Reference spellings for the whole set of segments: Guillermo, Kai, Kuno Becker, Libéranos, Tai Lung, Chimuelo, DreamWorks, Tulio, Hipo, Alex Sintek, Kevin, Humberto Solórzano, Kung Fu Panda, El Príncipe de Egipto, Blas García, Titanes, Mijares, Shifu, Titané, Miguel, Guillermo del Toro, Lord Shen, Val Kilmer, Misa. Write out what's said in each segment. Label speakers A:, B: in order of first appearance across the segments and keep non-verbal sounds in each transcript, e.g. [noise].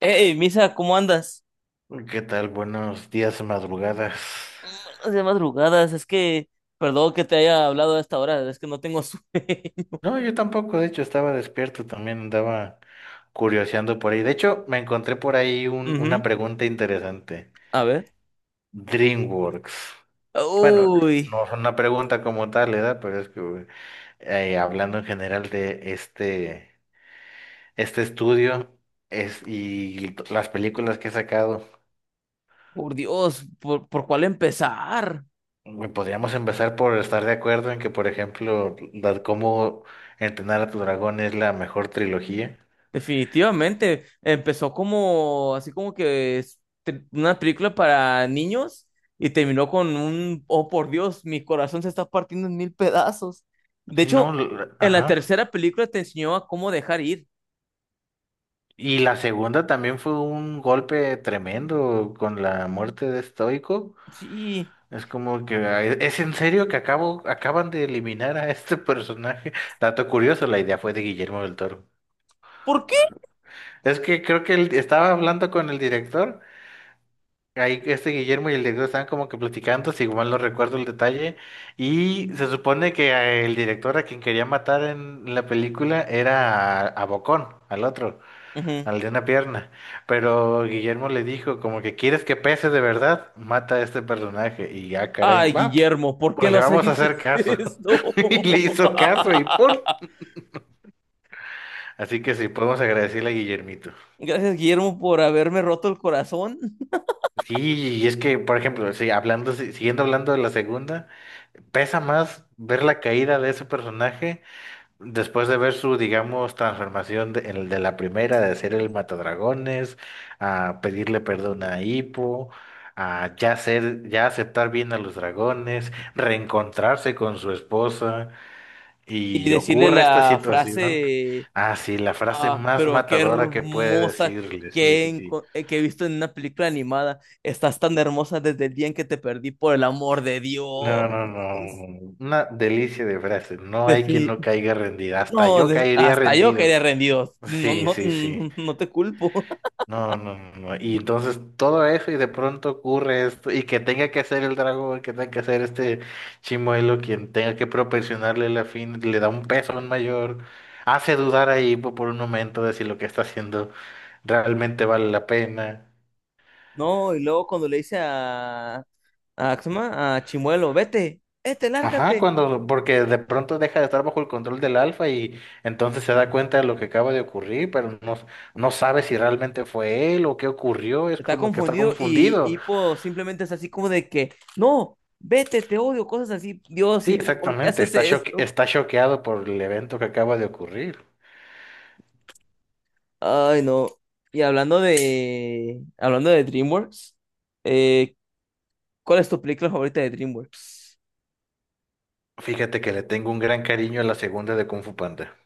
A: Hey, Misa, ¿cómo andas?
B: ¿Qué tal? Buenos días, madrugadas.
A: De madrugadas, es que, perdón que te haya hablado a esta hora, es que no tengo sueño. [laughs]
B: No, yo tampoco, de hecho, estaba despierto, también andaba curioseando por ahí. De hecho, me encontré por ahí una
A: Ujú.
B: pregunta interesante.
A: A ver.
B: DreamWorks. Bueno,
A: Uy,
B: no es una pregunta como tal, ¿verdad? Pero es que hablando en general de este, este estudio es, y las películas que he sacado,
A: por Dios, ¿por cuál empezar?
B: güey, podríamos empezar por estar de acuerdo en que, por ejemplo, cómo entrenar a tu dragón es la mejor trilogía.
A: Definitivamente, empezó como, así como que una película para niños y terminó con un, oh por Dios, mi corazón se está partiendo en mil pedazos. De
B: Sí, no,
A: hecho, en la
B: ajá.
A: tercera película te enseñó a cómo dejar ir.
B: Y la segunda también fue un golpe tremendo con la muerte de Stoico.
A: Sí,
B: Es como que ah, es en serio que acaban de eliminar a este personaje. [laughs] Dato curioso, la idea fue de Guillermo del Toro.
A: ¿por qué?
B: Es que creo que él estaba hablando con el director. Ahí este Guillermo y el director estaban como que platicando, si igual no recuerdo el detalle. Y se supone que el director a quien quería matar en la película era a Bocón, al otro.
A: Ujú.
B: Al de una pierna. Pero Guillermo le dijo, como que quieres que pese de verdad, mata a este personaje. Y ya, caray,
A: Ay,
B: va,
A: Guillermo, ¿por qué
B: pues le
A: nos
B: vamos a
A: hiciste
B: hacer caso. [laughs]
A: esto?
B: Y le hizo
A: [laughs]
B: caso y ¡pum! Así que sí, podemos agradecerle a Guillermito.
A: Gracias, Guillermo, por haberme roto el corazón
B: Sí, y es que, por ejemplo, sí, hablando, si- siguiendo hablando de la segunda, pesa más ver la caída de ese personaje después de ver su, digamos, transformación de, el de la primera, de ser el matadragones, a pedirle perdón a Hippo, a ya ser, ya aceptar bien a los dragones, reencontrarse con su esposa,
A: y
B: y
A: decirle
B: ocurre esta
A: la
B: situación.
A: frase,
B: Ah, sí, la frase
A: ah,
B: más
A: pero qué
B: matadora que puede
A: hermosa
B: decirle, sí, sí, sí.
A: que he visto en una película animada. Estás tan hermosa desde el día en que te perdí, por el amor de
B: No,
A: Dios.
B: no, no, no, una delicia de frase, no hay quien
A: Defi-
B: no caiga rendida, hasta
A: no,
B: yo caería
A: hasta yo quedé
B: rendido.
A: rendido. No,
B: Sí,
A: no,
B: sí, sí.
A: no, no te culpo. [laughs]
B: No, no, no, no. Y entonces todo eso y de pronto ocurre esto y que tenga que hacer el dragón, que tenga que hacer este chimuelo, quien tenga que proporcionarle la fin, le da un peso mayor, hace dudar ahí por un momento de si lo que está haciendo realmente vale la pena.
A: No, y luego cuando le hice a ¿cómo se llama? A Chimuelo, vete, vete,
B: Ajá,
A: lárgate.
B: cuando, porque de pronto deja de estar bajo el control del alfa y entonces se da cuenta de lo que acaba de ocurrir, pero no, no sabe si realmente fue él o qué ocurrió, es
A: Está
B: como que está
A: confundido y
B: confundido.
A: Hipo simplemente es así como de que, no, vete, te odio, cosas así. Dios,
B: Sí,
A: Hipo, ¿por qué
B: exactamente.
A: haces esto?
B: Está choqueado por el evento que acaba de ocurrir.
A: Ay, no. Y hablando de DreamWorks, eh, ¿cuál es tu película favorita de DreamWorks?
B: Fíjate que le tengo un gran cariño a la segunda de Kung Fu Panda.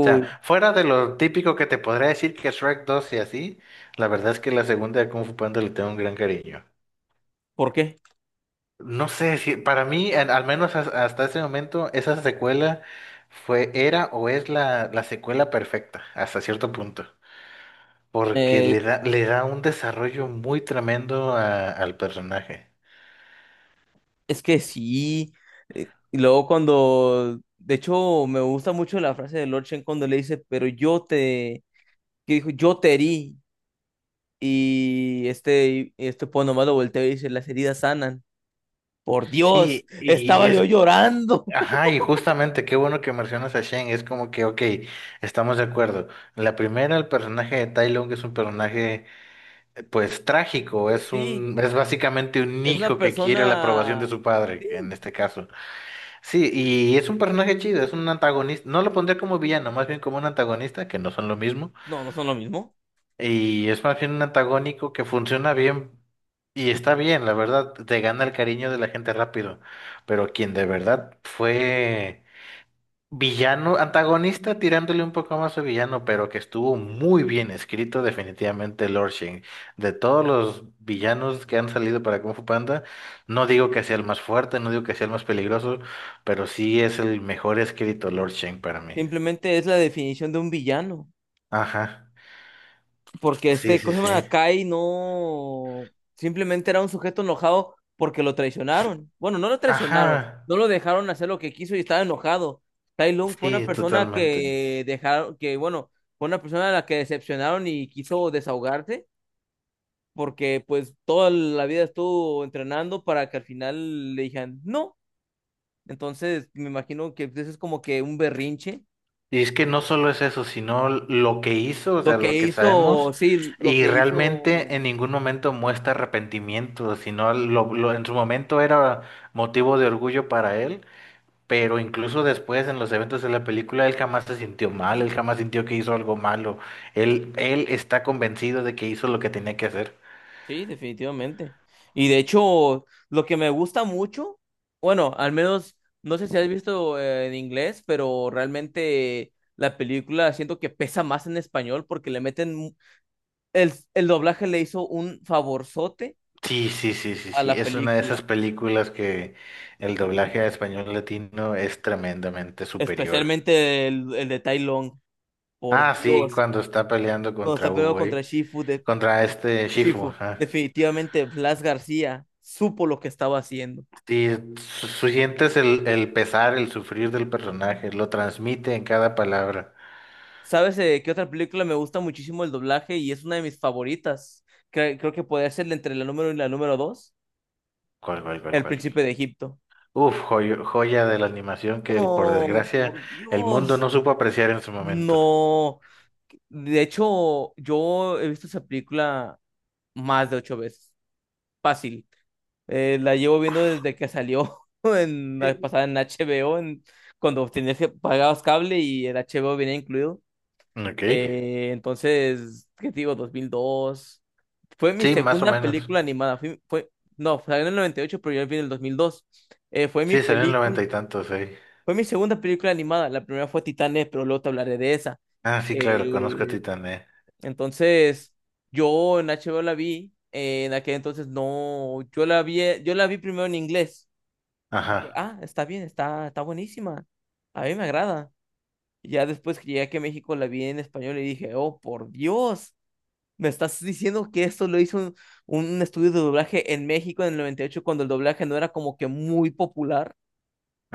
B: O sea, fuera de lo típico que te podría decir que Shrek 2 y así, la verdad es que la segunda de Kung Fu Panda le tengo un gran cariño.
A: ¿por qué?
B: No sé si para mí, al hasta ese momento, esa secuela fue, era o es la secuela perfecta, hasta cierto punto. Porque
A: Eh,
B: le da un desarrollo muy tremendo al personaje.
A: es que sí. Y luego cuando, de hecho, me gusta mucho la frase de Lord Shen cuando le dice, pero que dijo, yo te herí. Y este po nomás lo volteo y dice, las heridas sanan. Por Dios,
B: Sí, y
A: estaba yo
B: es,
A: llorando. [laughs]
B: ajá, y justamente qué bueno que mencionas a Shen, es como que, ok, estamos de acuerdo. La primera, el personaje de Tai Lung es un personaje, pues, trágico, es
A: Sí,
B: un, es básicamente un
A: es una
B: hijo que quiere la aprobación de
A: persona...
B: su padre, en
A: Sí,
B: este caso. Sí, y es un personaje chido, es un antagonista, no lo pondría como villano, más bien como un antagonista, que no son lo mismo,
A: no, no son lo mismo.
B: y es más bien un antagónico que funciona bien. Y está bien, la verdad, te gana el cariño de la gente rápido, pero quien de verdad fue villano, antagonista tirándole un poco más a villano, pero que estuvo muy bien escrito definitivamente Lord Shen. De todos los villanos que han salido para Kung Fu Panda, no digo que sea el más fuerte, no digo que sea el más peligroso, pero sí es el mejor escrito Lord Shen para mí.
A: Simplemente es la definición de un villano.
B: Ajá.
A: Porque
B: Sí,
A: este,
B: sí,
A: ¿cómo se
B: sí.
A: llama? Kai no... Simplemente era un sujeto enojado porque lo
B: S-
A: traicionaron. Bueno, no lo traicionaron,
B: Ajá.
A: no lo dejaron hacer lo que quiso y estaba enojado. Tai Lung fue una
B: Sí,
A: persona
B: totalmente.
A: que dejaron, que bueno, fue una persona a la que decepcionaron y quiso desahogarse porque pues toda la vida estuvo entrenando para que al final le dijeran no. Entonces, me imagino que eso es como que un berrinche.
B: Y es que no solo es eso, sino lo que hizo, o sea,
A: Lo
B: lo
A: que
B: que
A: hizo,
B: sabemos,
A: sí, lo
B: y
A: que
B: realmente
A: hizo,
B: en ningún momento muestra arrepentimiento, sino en su momento era motivo de orgullo para él, pero incluso después en los eventos de la película él jamás se sintió mal, él jamás sintió que hizo algo malo, él está convencido de que hizo lo que tenía que hacer.
A: sí, definitivamente. Y de hecho, lo que me gusta mucho, bueno, al menos, no sé si has visto en inglés, pero realmente la película siento que pesa más en español porque le meten, el doblaje le hizo un favorzote
B: Sí, sí, sí, sí,
A: a
B: sí,
A: la
B: es una de esas
A: película.
B: películas que el doblaje a español latino es tremendamente superior.
A: Especialmente el de Tai Long. Por
B: Ah, sí,
A: Dios.
B: cuando está peleando
A: Cuando
B: contra
A: está peleando
B: Hugo,
A: contra
B: ¿eh? Contra este Shifu,
A: Shifu,
B: ajá.
A: definitivamente Blas García supo lo que estaba haciendo.
B: Sí, sientes el pesar, el sufrir del personaje, lo transmite en cada palabra.
A: ¿Sabes qué otra película me gusta muchísimo el doblaje y es una de mis favoritas? Creo que podría ser entre la número y la número dos.
B: ¿Cuál, cuál, cuál,
A: El
B: cuál?
A: Príncipe de Egipto.
B: Uf, joya de la animación que, por
A: Oh,
B: desgracia,
A: por
B: el mundo
A: Dios.
B: no supo apreciar en su momento.
A: No. De hecho, yo he visto esa película más de ocho veces. Fácil. La llevo viendo desde que salió [laughs] en la
B: Sí.
A: pasada en HBO, cuando tenías que pagabas cable y el HBO venía incluido.
B: Ok.
A: Entonces, ¿qué te digo? 2002. Fue mi
B: Sí, más o
A: segunda
B: menos.
A: película animada. No, salió en el 98, pero yo vi en el 2002. Eh, fue mi
B: Sí, salió en el
A: película,
B: noventa y tantos, ¿eh?
A: fue mi segunda película animada. La primera fue Titanes, pero luego te hablaré de esa.
B: Ah, sí, claro, conozco a
A: Eh,
B: Titané.
A: entonces, yo en HBO la vi. En aquel entonces no, yo la vi primero en inglés. Dije,
B: Ajá.
A: ah, está bien, está buenísima. A mí me agrada. Y ya después que llegué aquí a México la vi en español y dije, oh, por Dios, me estás diciendo que esto lo hizo un estudio de doblaje en México en el 98 cuando el doblaje no era como que muy popular.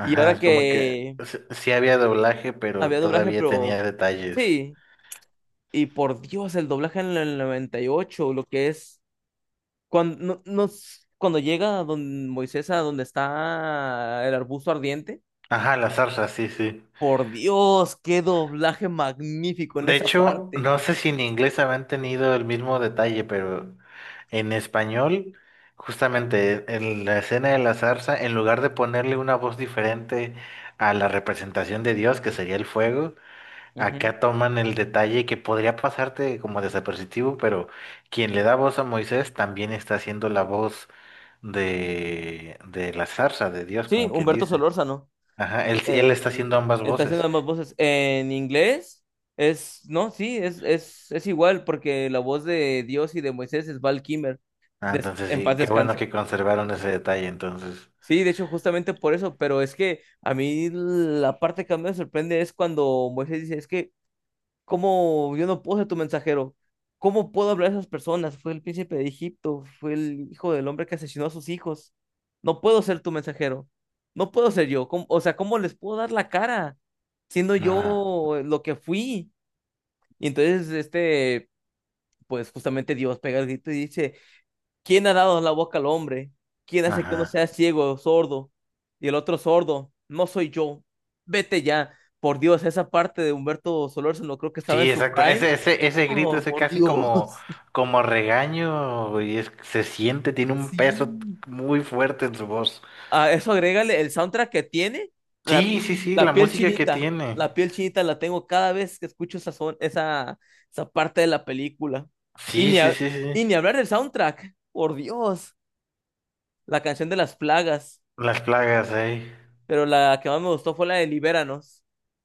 A: Y ahora
B: es como que
A: que
B: sí había doblaje, pero
A: había doblaje,
B: todavía
A: pero
B: tenía detalles.
A: sí, y por Dios, el doblaje en el 98, lo que es cuando, no, no- cuando llega a don Moisés a donde está el arbusto ardiente.
B: Ajá, la zarza, sí, sí.
A: Por Dios, qué doblaje magnífico en
B: De
A: esa
B: hecho,
A: parte.
B: no sé si en inglés habrán tenido el mismo detalle, pero en español, justamente en la escena de la zarza, en lugar de ponerle una voz diferente a la representación de Dios, que sería el fuego,
A: Ujú.
B: acá toman el detalle que podría pasarte como desapercibido, pero quien le da voz a Moisés también está haciendo la voz de la zarza, de Dios,
A: Sí,
B: como quien
A: Humberto
B: dice.
A: Solórzano.
B: Ajá, él
A: eh,
B: está haciendo ambas
A: Está haciendo
B: voces.
A: ambas voces. En inglés es, no, sí, es igual, porque la voz de Dios y de Moisés es Val Kilmer.
B: Ah, entonces
A: En
B: sí,
A: paz
B: qué bueno
A: descanse.
B: que conservaron ese detalle, entonces.
A: Sí, de hecho, justamente por eso, pero es que a mí la parte que más me sorprende es cuando Moisés dice, es que ¿cómo yo no puedo ser tu mensajero? ¿Cómo puedo hablar a esas personas? Fue el príncipe de Egipto, fue el hijo del hombre que asesinó a sus hijos. No puedo ser tu mensajero. No puedo ser yo. O sea, ¿cómo les puedo dar la cara siendo
B: Ajá,
A: yo lo que fui? Y entonces, pues justamente Dios pega el grito y dice, ¿quién ha dado la boca al hombre? ¿Quién hace que uno
B: ajá.
A: sea ciego, sordo? Y el otro sordo, no soy yo. Vete ya. Por Dios, esa parte de Humberto Solórzano creo que estaba en
B: Sí,
A: su
B: exacto. Ese,
A: prime.
B: ese, ese grito,
A: Oh,
B: ese
A: por
B: casi como,
A: Dios. [laughs]
B: como regaño, y es, se siente, tiene un peso
A: Sí.
B: muy fuerte en su voz.
A: A eso agrégale el soundtrack que tiene, la,
B: Sí, sí, sí,
A: la
B: la
A: piel
B: música que
A: chinita.
B: tiene.
A: La piel chinita la tengo cada vez que escucho esa parte de la película. Y
B: Sí,
A: ni,
B: sí,
A: ha-
B: sí, sí.
A: y ni hablar del soundtrack, por Dios. La canción de las plagas,
B: Las plagas ahí.
A: pero la que más me gustó fue la de Libéranos,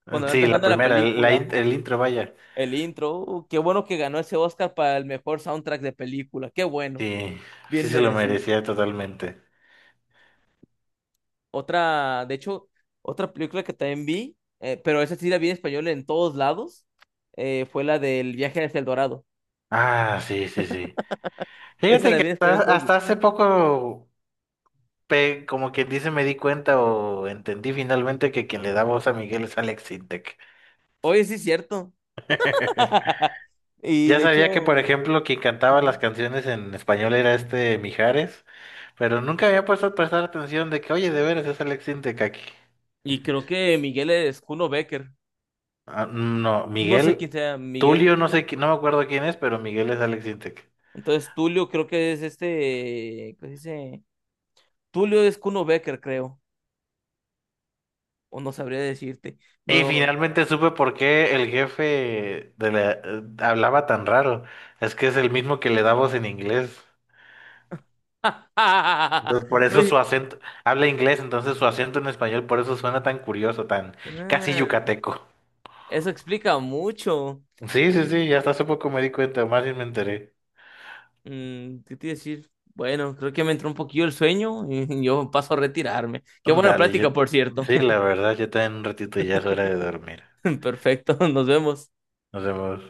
A: cuando va
B: Sí, la
A: empezando la
B: primera, el,
A: película,
B: el intro, vaya.
A: el intro. Qué bueno que ganó ese Oscar para el mejor soundtrack de película, qué bueno,
B: Sí, sí
A: bien
B: se lo
A: merecido.
B: merecía totalmente.
A: Otra, de hecho, otra película que también vi, pero esa sí la vi en español en todos lados, fue la del viaje hacia el Dorado.
B: Ah, sí, sí, sí.
A: Esa
B: Fíjate
A: la
B: que
A: vi en español en
B: hasta,
A: todos
B: hasta
A: lados.
B: hace poco como quien dice, me di cuenta o entendí finalmente que quien le da voz a Miguel es Alex Sintek.
A: Oye, sí es cierto.
B: [laughs]
A: [laughs] Y
B: Ya
A: de hecho,
B: sabía que, por
A: ujú,
B: ejemplo, quien cantaba las canciones en español era este Mijares, pero nunca había puesto a prestar atención de que, oye, de veras es Alex Sintek aquí.
A: y creo que Miguel es Kuno Becker.
B: Ah, no,
A: No sé
B: Miguel,
A: quién sea Miguel.
B: Tulio, no sé, no me acuerdo quién es, pero Miguel es Alex Sintek.
A: Entonces, Tulio creo que es este, ¿qué se dice? Tulio es Kuno Becker, creo. O no sabría decirte.
B: Y
A: No.
B: finalmente supe por qué el jefe de hablaba tan raro. Es que es el mismo que le da voz en inglés. Entonces, por
A: [laughs]
B: eso su
A: Oye,
B: acento, habla inglés, entonces su acento en español, por eso suena tan curioso, tan casi
A: ah,
B: yucateco.
A: eso explica mucho.
B: Sí, sí, sí, ya hasta hace poco me di cuenta, más bien me enteré.
A: ¿Qué te iba a decir? Bueno, creo que me entró un poquillo el sueño y [laughs] yo paso a retirarme. Qué buena
B: Dale, yo,
A: plática, por cierto.
B: sí, la verdad, yo también un ratito ya es hora de dormir.
A: [laughs] Perfecto, nos vemos.
B: Nos vemos.